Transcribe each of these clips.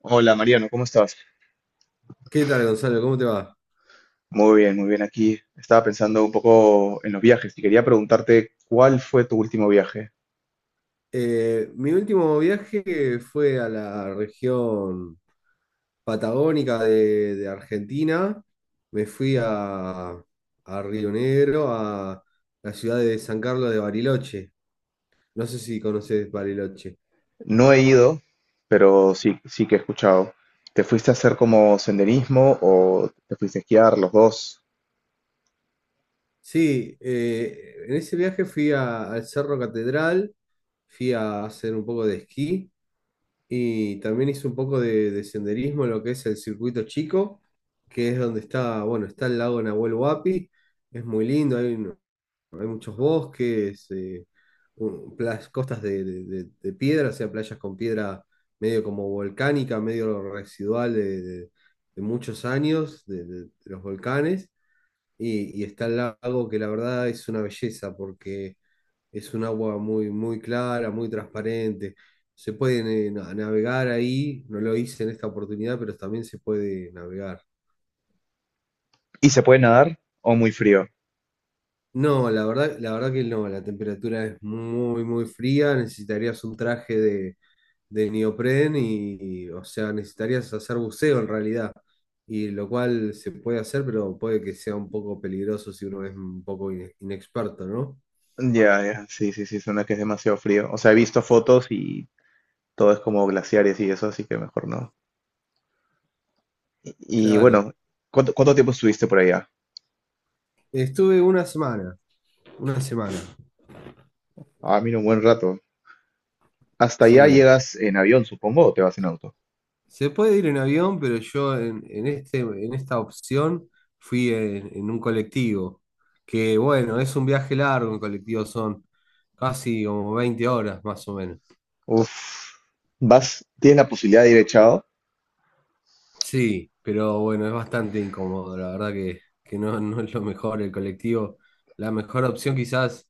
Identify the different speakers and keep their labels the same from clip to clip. Speaker 1: Hola Mariano, ¿cómo estás?
Speaker 2: ¿Qué tal, Gonzalo? ¿Cómo te va?
Speaker 1: Muy bien aquí. Estaba pensando un poco en los viajes y quería preguntarte cuál fue tu último viaje.
Speaker 2: Mi último viaje fue a la región patagónica de Argentina. Me fui a Río Negro, a la ciudad de San Carlos de Bariloche. No sé si conoces Bariloche.
Speaker 1: No he ido, pero sí, sí que he escuchado. ¿Te fuiste a hacer como senderismo o te fuiste a esquiar los dos?
Speaker 2: Sí, en ese viaje al Cerro Catedral, fui a hacer un poco de esquí. Y también hice un poco de senderismo en lo que es el circuito chico, que es donde está, bueno, está el lago Nahuel Huapi, es muy lindo, hay muchos bosques, costas de piedra, o sea, playas con piedra medio como volcánica, medio residual de muchos años de los volcanes, y está el lago que la verdad es una belleza, porque es un agua muy, muy clara, muy transparente. Se puede navegar ahí, no lo hice en esta oportunidad, pero también se puede navegar.
Speaker 1: ¿Y se puede nadar o muy frío?
Speaker 2: No, la verdad que no, la temperatura es muy, muy fría, necesitarías un traje de neopren y, o sea, necesitarías hacer buceo en realidad, y lo cual se puede hacer, pero puede que sea un poco peligroso si uno es un poco inexperto, ¿no?
Speaker 1: Ya, ya, sí, sí, sí, suena que es demasiado frío. O sea, he visto fotos y todo es como glaciares y eso, así que mejor no. Y
Speaker 2: Claro.
Speaker 1: bueno, ¿cuánto tiempo estuviste por allá?
Speaker 2: Estuve una semana,
Speaker 1: Ah, mira, un buen rato. Hasta allá
Speaker 2: sí.
Speaker 1: llegas en avión, supongo, o te vas en auto.
Speaker 2: Se puede ir en avión, pero yo en esta opción fui en un colectivo, que bueno, es un viaje largo en colectivo, son casi como 20 horas más o menos.
Speaker 1: Uf, vas, tienes la posibilidad de ir echado.
Speaker 2: Sí, pero bueno, es bastante incómodo, la verdad que no, no es lo mejor el colectivo. La mejor opción quizás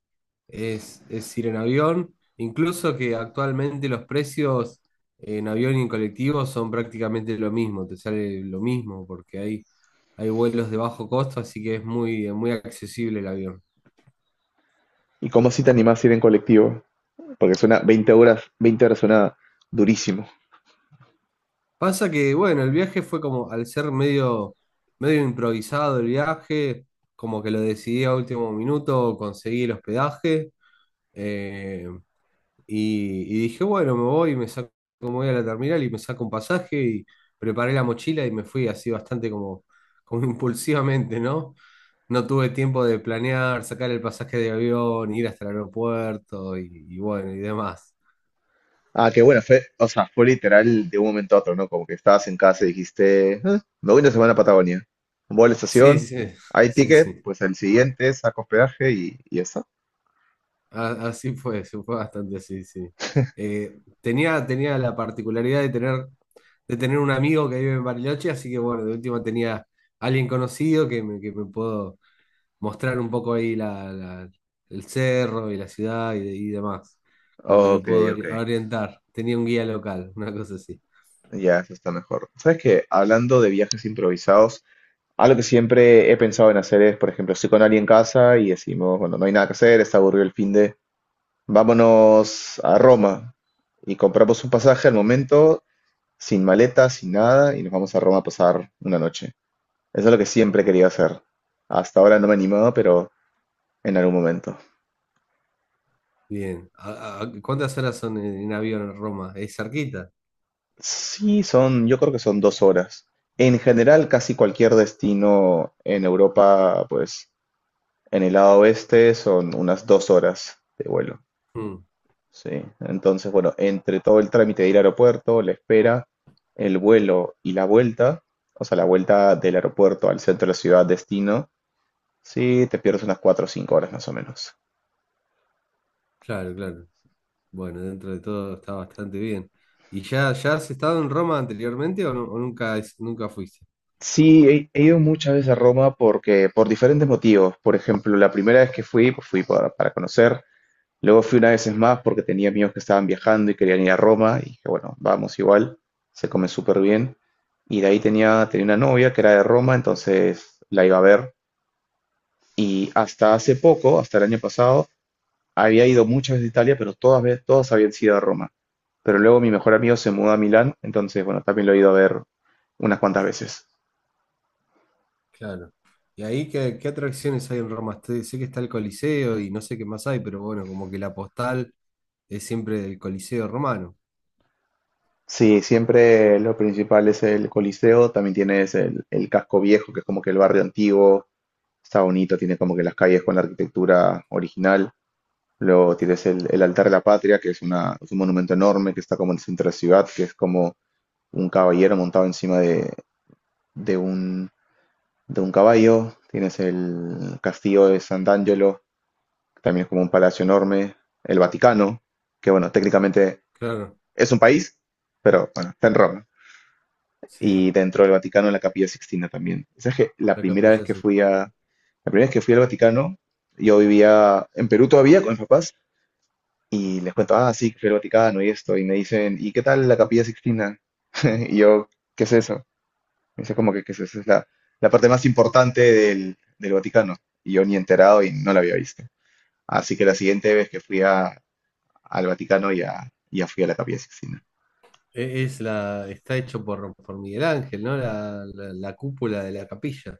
Speaker 2: es ir en avión, incluso que actualmente los precios en avión y en colectivo son prácticamente lo mismo, te sale lo mismo porque hay vuelos de bajo costo, así que es muy, muy accesible el avión.
Speaker 1: ¿Y cómo si te animas a ir en colectivo? Porque suena 20 horas, 20 horas suena durísimo.
Speaker 2: Pasa que, bueno, el viaje fue como, al ser medio improvisado el viaje, como que lo decidí a último minuto, conseguí el hospedaje. Eh, y dije, bueno, me voy, me voy a la terminal y me saco un pasaje y preparé la mochila y me fui así bastante como, como impulsivamente, ¿no? No tuve tiempo de planear, sacar el pasaje de avión, ir hasta el aeropuerto y bueno, y demás.
Speaker 1: Ah, qué bueno, fue, o sea, fue literal de un momento a otro, ¿no? Como que estabas en casa y dijiste: "Ah, me voy una semana a Patagonia. Voy a la
Speaker 2: Sí,
Speaker 1: estación,
Speaker 2: sí,
Speaker 1: hay
Speaker 2: sí,
Speaker 1: ticket,
Speaker 2: sí.
Speaker 1: pues al siguiente saco hospedaje y eso".
Speaker 2: Así fue, se fue bastante así, sí. Tenía la particularidad de tener un amigo que vive en Bariloche, así que bueno, de última tenía alguien conocido que me puedo mostrar un poco ahí el cerro y la ciudad y demás. Como que me
Speaker 1: Ok,
Speaker 2: pudo
Speaker 1: ok,
Speaker 2: orientar. Tenía un guía local, una cosa así.
Speaker 1: ya, eso está mejor. ¿Sabes qué? Hablando de viajes improvisados, algo que siempre he pensado en hacer es, por ejemplo, estoy con alguien en casa y decimos, bueno, no hay nada que hacer, está aburrido el fin de. Vámonos a Roma y compramos un pasaje al momento, sin maleta, sin nada, y nos vamos a Roma a pasar una noche. Eso es lo que siempre he querido hacer. Hasta ahora no me he animado, pero en algún momento.
Speaker 2: Bien. Cuántas horas son en avión a Roma? ¿Es cerquita?
Speaker 1: Sí, son, yo creo que son 2 horas. En general, casi cualquier destino en Europa, pues en el lado oeste, son unas 2 horas de vuelo.
Speaker 2: Mm,
Speaker 1: Sí, entonces, bueno, entre todo el trámite de ir al aeropuerto, la espera, el vuelo y la vuelta, o sea, la vuelta del aeropuerto al centro de la ciudad, destino, sí, te pierdes unas 4 o 5 horas más o menos.
Speaker 2: claro, claro. Bueno, dentro de todo está bastante bien. ¿Y ya, ya has estado en Roma anteriormente o, o nunca, nunca fuiste?
Speaker 1: Sí, he ido muchas veces a Roma porque, por diferentes motivos. Por ejemplo, la primera vez que fui, pues fui para conocer. Luego fui unas veces más porque tenía amigos que estaban viajando y querían ir a Roma. Y dije, bueno, vamos igual, se come súper bien. Y de ahí tenía una novia que era de Roma, entonces la iba a ver. Y hasta hace poco, hasta el año pasado, había ido muchas veces a Italia, pero todas, todas habían sido a Roma. Pero luego mi mejor amigo se mudó a Milán, entonces, bueno, también lo he ido a ver unas cuantas veces.
Speaker 2: Claro. ¿Y ahí qué, qué atracciones hay en Roma? Sé que está el Coliseo y no sé qué más hay, pero bueno, como que la postal es siempre el Coliseo romano.
Speaker 1: Sí, siempre lo principal es el Coliseo, también tienes el casco viejo, que es como que el barrio antiguo, está bonito, tiene como que las calles con la arquitectura original. Luego tienes el Altar de la Patria, que es un monumento enorme que está como en el centro de la ciudad, que es como un caballero montado encima de un de un caballo, tienes el castillo de Sant'Angelo, que también es como un palacio enorme, el Vaticano, que bueno, técnicamente
Speaker 2: Claro.
Speaker 1: es un país, pero bueno, está en Roma. Y
Speaker 2: Sí,
Speaker 1: dentro del Vaticano la Capilla Sixtina también. ¿Sabes que
Speaker 2: la Capilla Sixtina.
Speaker 1: la primera vez que fui al Vaticano, yo vivía en Perú todavía con mis papás y les cuento, ah, sí, que fui al Vaticano y esto, y me dicen, ¿y qué tal la Capilla Sixtina? Y yo, ¿qué es eso? Eso es como que esa es la parte más importante del Vaticano. Y yo ni enterado y no la había visto. Así que la siguiente vez que fui al Vaticano ya, ya fui a la Capilla Sixtina.
Speaker 2: Es la, está hecho por Miguel Ángel, ¿no? La cúpula de la capilla.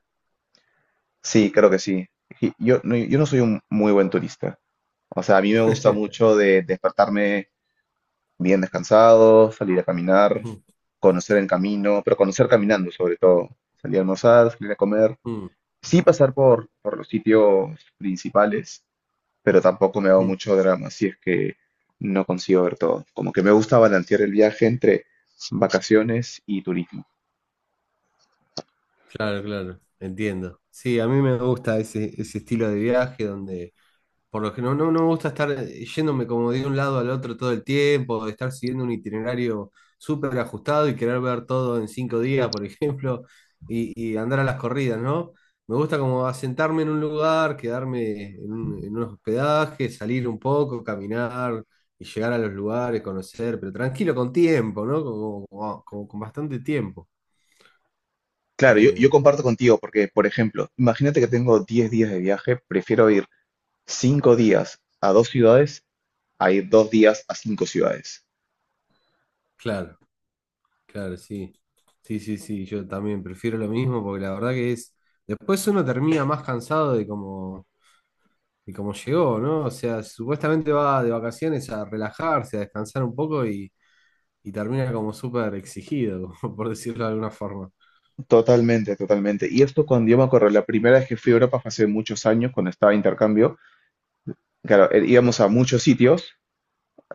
Speaker 1: Sí, creo que sí. Y yo no soy un muy buen turista. O sea, a mí me gusta mucho de despertarme bien descansado, salir a caminar,
Speaker 2: Mm,
Speaker 1: conocer el camino, pero conocer caminando sobre todo. Salir a almorzar, salir a comer.
Speaker 2: mm,
Speaker 1: Sí, pasar por los sitios principales, pero tampoco me hago
Speaker 2: mm.
Speaker 1: mucho drama si es que no consigo ver todo. Como que me gusta balancear el viaje entre vacaciones y turismo.
Speaker 2: Claro, claro, entiendo. Sí, a mí me gusta ese, ese estilo de viaje donde. Por lo que no, no, no me gusta estar yéndome como de un lado al otro todo el tiempo, de estar siguiendo un itinerario súper ajustado y querer ver todo en 5 días, por ejemplo, y andar a las corridas, ¿no? Me gusta como asentarme en un lugar, quedarme en unos hospedajes, salir un poco, caminar y llegar a los lugares, conocer, pero tranquilo con tiempo, ¿no? Como con bastante tiempo.
Speaker 1: Claro, yo,
Speaker 2: Eh,
Speaker 1: yo comparto contigo porque, por ejemplo, imagínate que tengo 10 días de viaje, prefiero ir 5 días a dos ciudades a ir 2 días a 5 ciudades.
Speaker 2: claro. Claro, sí. Sí, sí, sí, yo también prefiero lo mismo porque la verdad que es, después uno termina más cansado de cómo llegó, ¿no? O sea, supuestamente va de vacaciones a relajarse, a descansar un poco y termina como súper exigido, como por decirlo de alguna forma.
Speaker 1: Totalmente, totalmente. Y esto cuando yo me acuerdo, la primera vez que fui a Europa fue hace muchos años, cuando estaba de intercambio, claro, íbamos a muchos sitios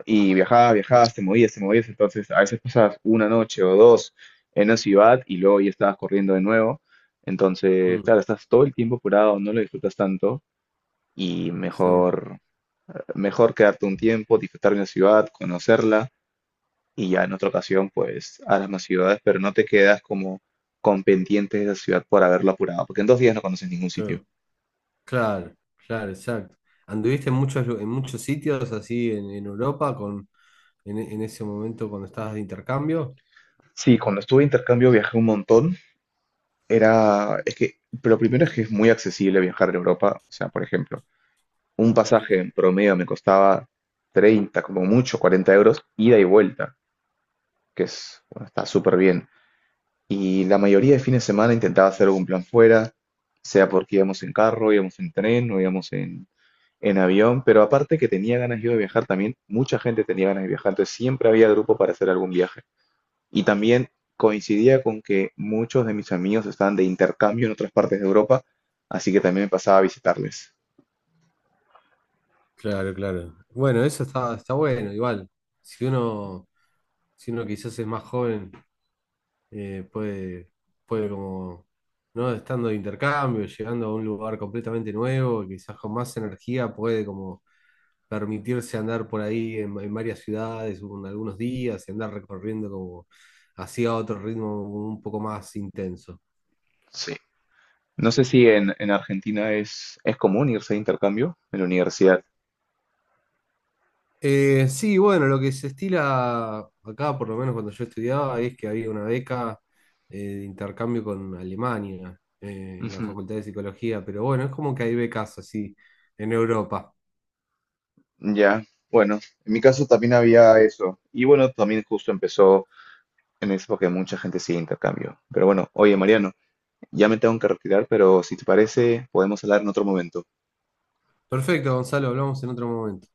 Speaker 1: y viajabas,
Speaker 2: Mm,
Speaker 1: viajabas, te movías, entonces a veces pasabas una noche o dos en una ciudad y luego ya estabas corriendo de nuevo, entonces,
Speaker 2: mm,
Speaker 1: claro, estás todo el tiempo apurado, no lo disfrutas tanto y
Speaker 2: Sí,
Speaker 1: mejor, mejor quedarte un tiempo, disfrutar de una ciudad, conocerla y ya en otra ocasión pues a las más ciudades, pero no te quedas como con pendientes de esa ciudad por haberlo apurado, porque en 2 días no conoces ningún sitio.
Speaker 2: claro, claro, claro, exacto. ¿Anduviste en muchos, en muchos sitios así en Europa con, en ese momento cuando estabas de intercambio?
Speaker 1: Sí, cuando estuve de intercambio viajé un montón, era, es que, pero primero es que es muy accesible viajar en Europa, o sea, por ejemplo, un pasaje en promedio me costaba 30, como mucho, 40 euros, ida y vuelta, que es, bueno, está súper bien. Y la mayoría de fines de semana intentaba hacer algún plan fuera, sea porque íbamos en carro, íbamos en tren o íbamos en avión, pero aparte que tenía ganas yo de viajar también, mucha gente tenía ganas de viajar, entonces siempre había grupo para hacer algún viaje. Y también coincidía con que muchos de mis amigos estaban de intercambio en otras partes de Europa, así que también me pasaba a visitarles.
Speaker 2: Claro, claro. Bueno, eso está, está bueno, igual. Si uno, si uno quizás es más joven, eh, puede, puede como, ¿no? Estando de intercambio, llegando a un lugar completamente nuevo, y quizás con más energía puede como permitirse andar por ahí en varias ciudades, en algunos días, y andar recorriendo como hacia otro ritmo un poco más intenso.
Speaker 1: Sí. No sé si en Argentina es común irse de intercambio en la universidad.
Speaker 2: Sí, bueno, lo que se estila acá, por lo menos cuando yo estudiaba, es que había una beca de intercambio con Alemania en la
Speaker 1: Ujú.
Speaker 2: Facultad de Psicología, pero bueno, es como que hay becas así en Europa.
Speaker 1: Ya, bueno, en mi caso también había eso. Y bueno, también justo empezó en eso porque mucha gente sigue intercambio. Pero bueno, oye Mariano, ya me tengo que retirar, pero si te parece, podemos hablar en otro momento.
Speaker 2: Perfecto, Gonzalo, hablamos en otro momento.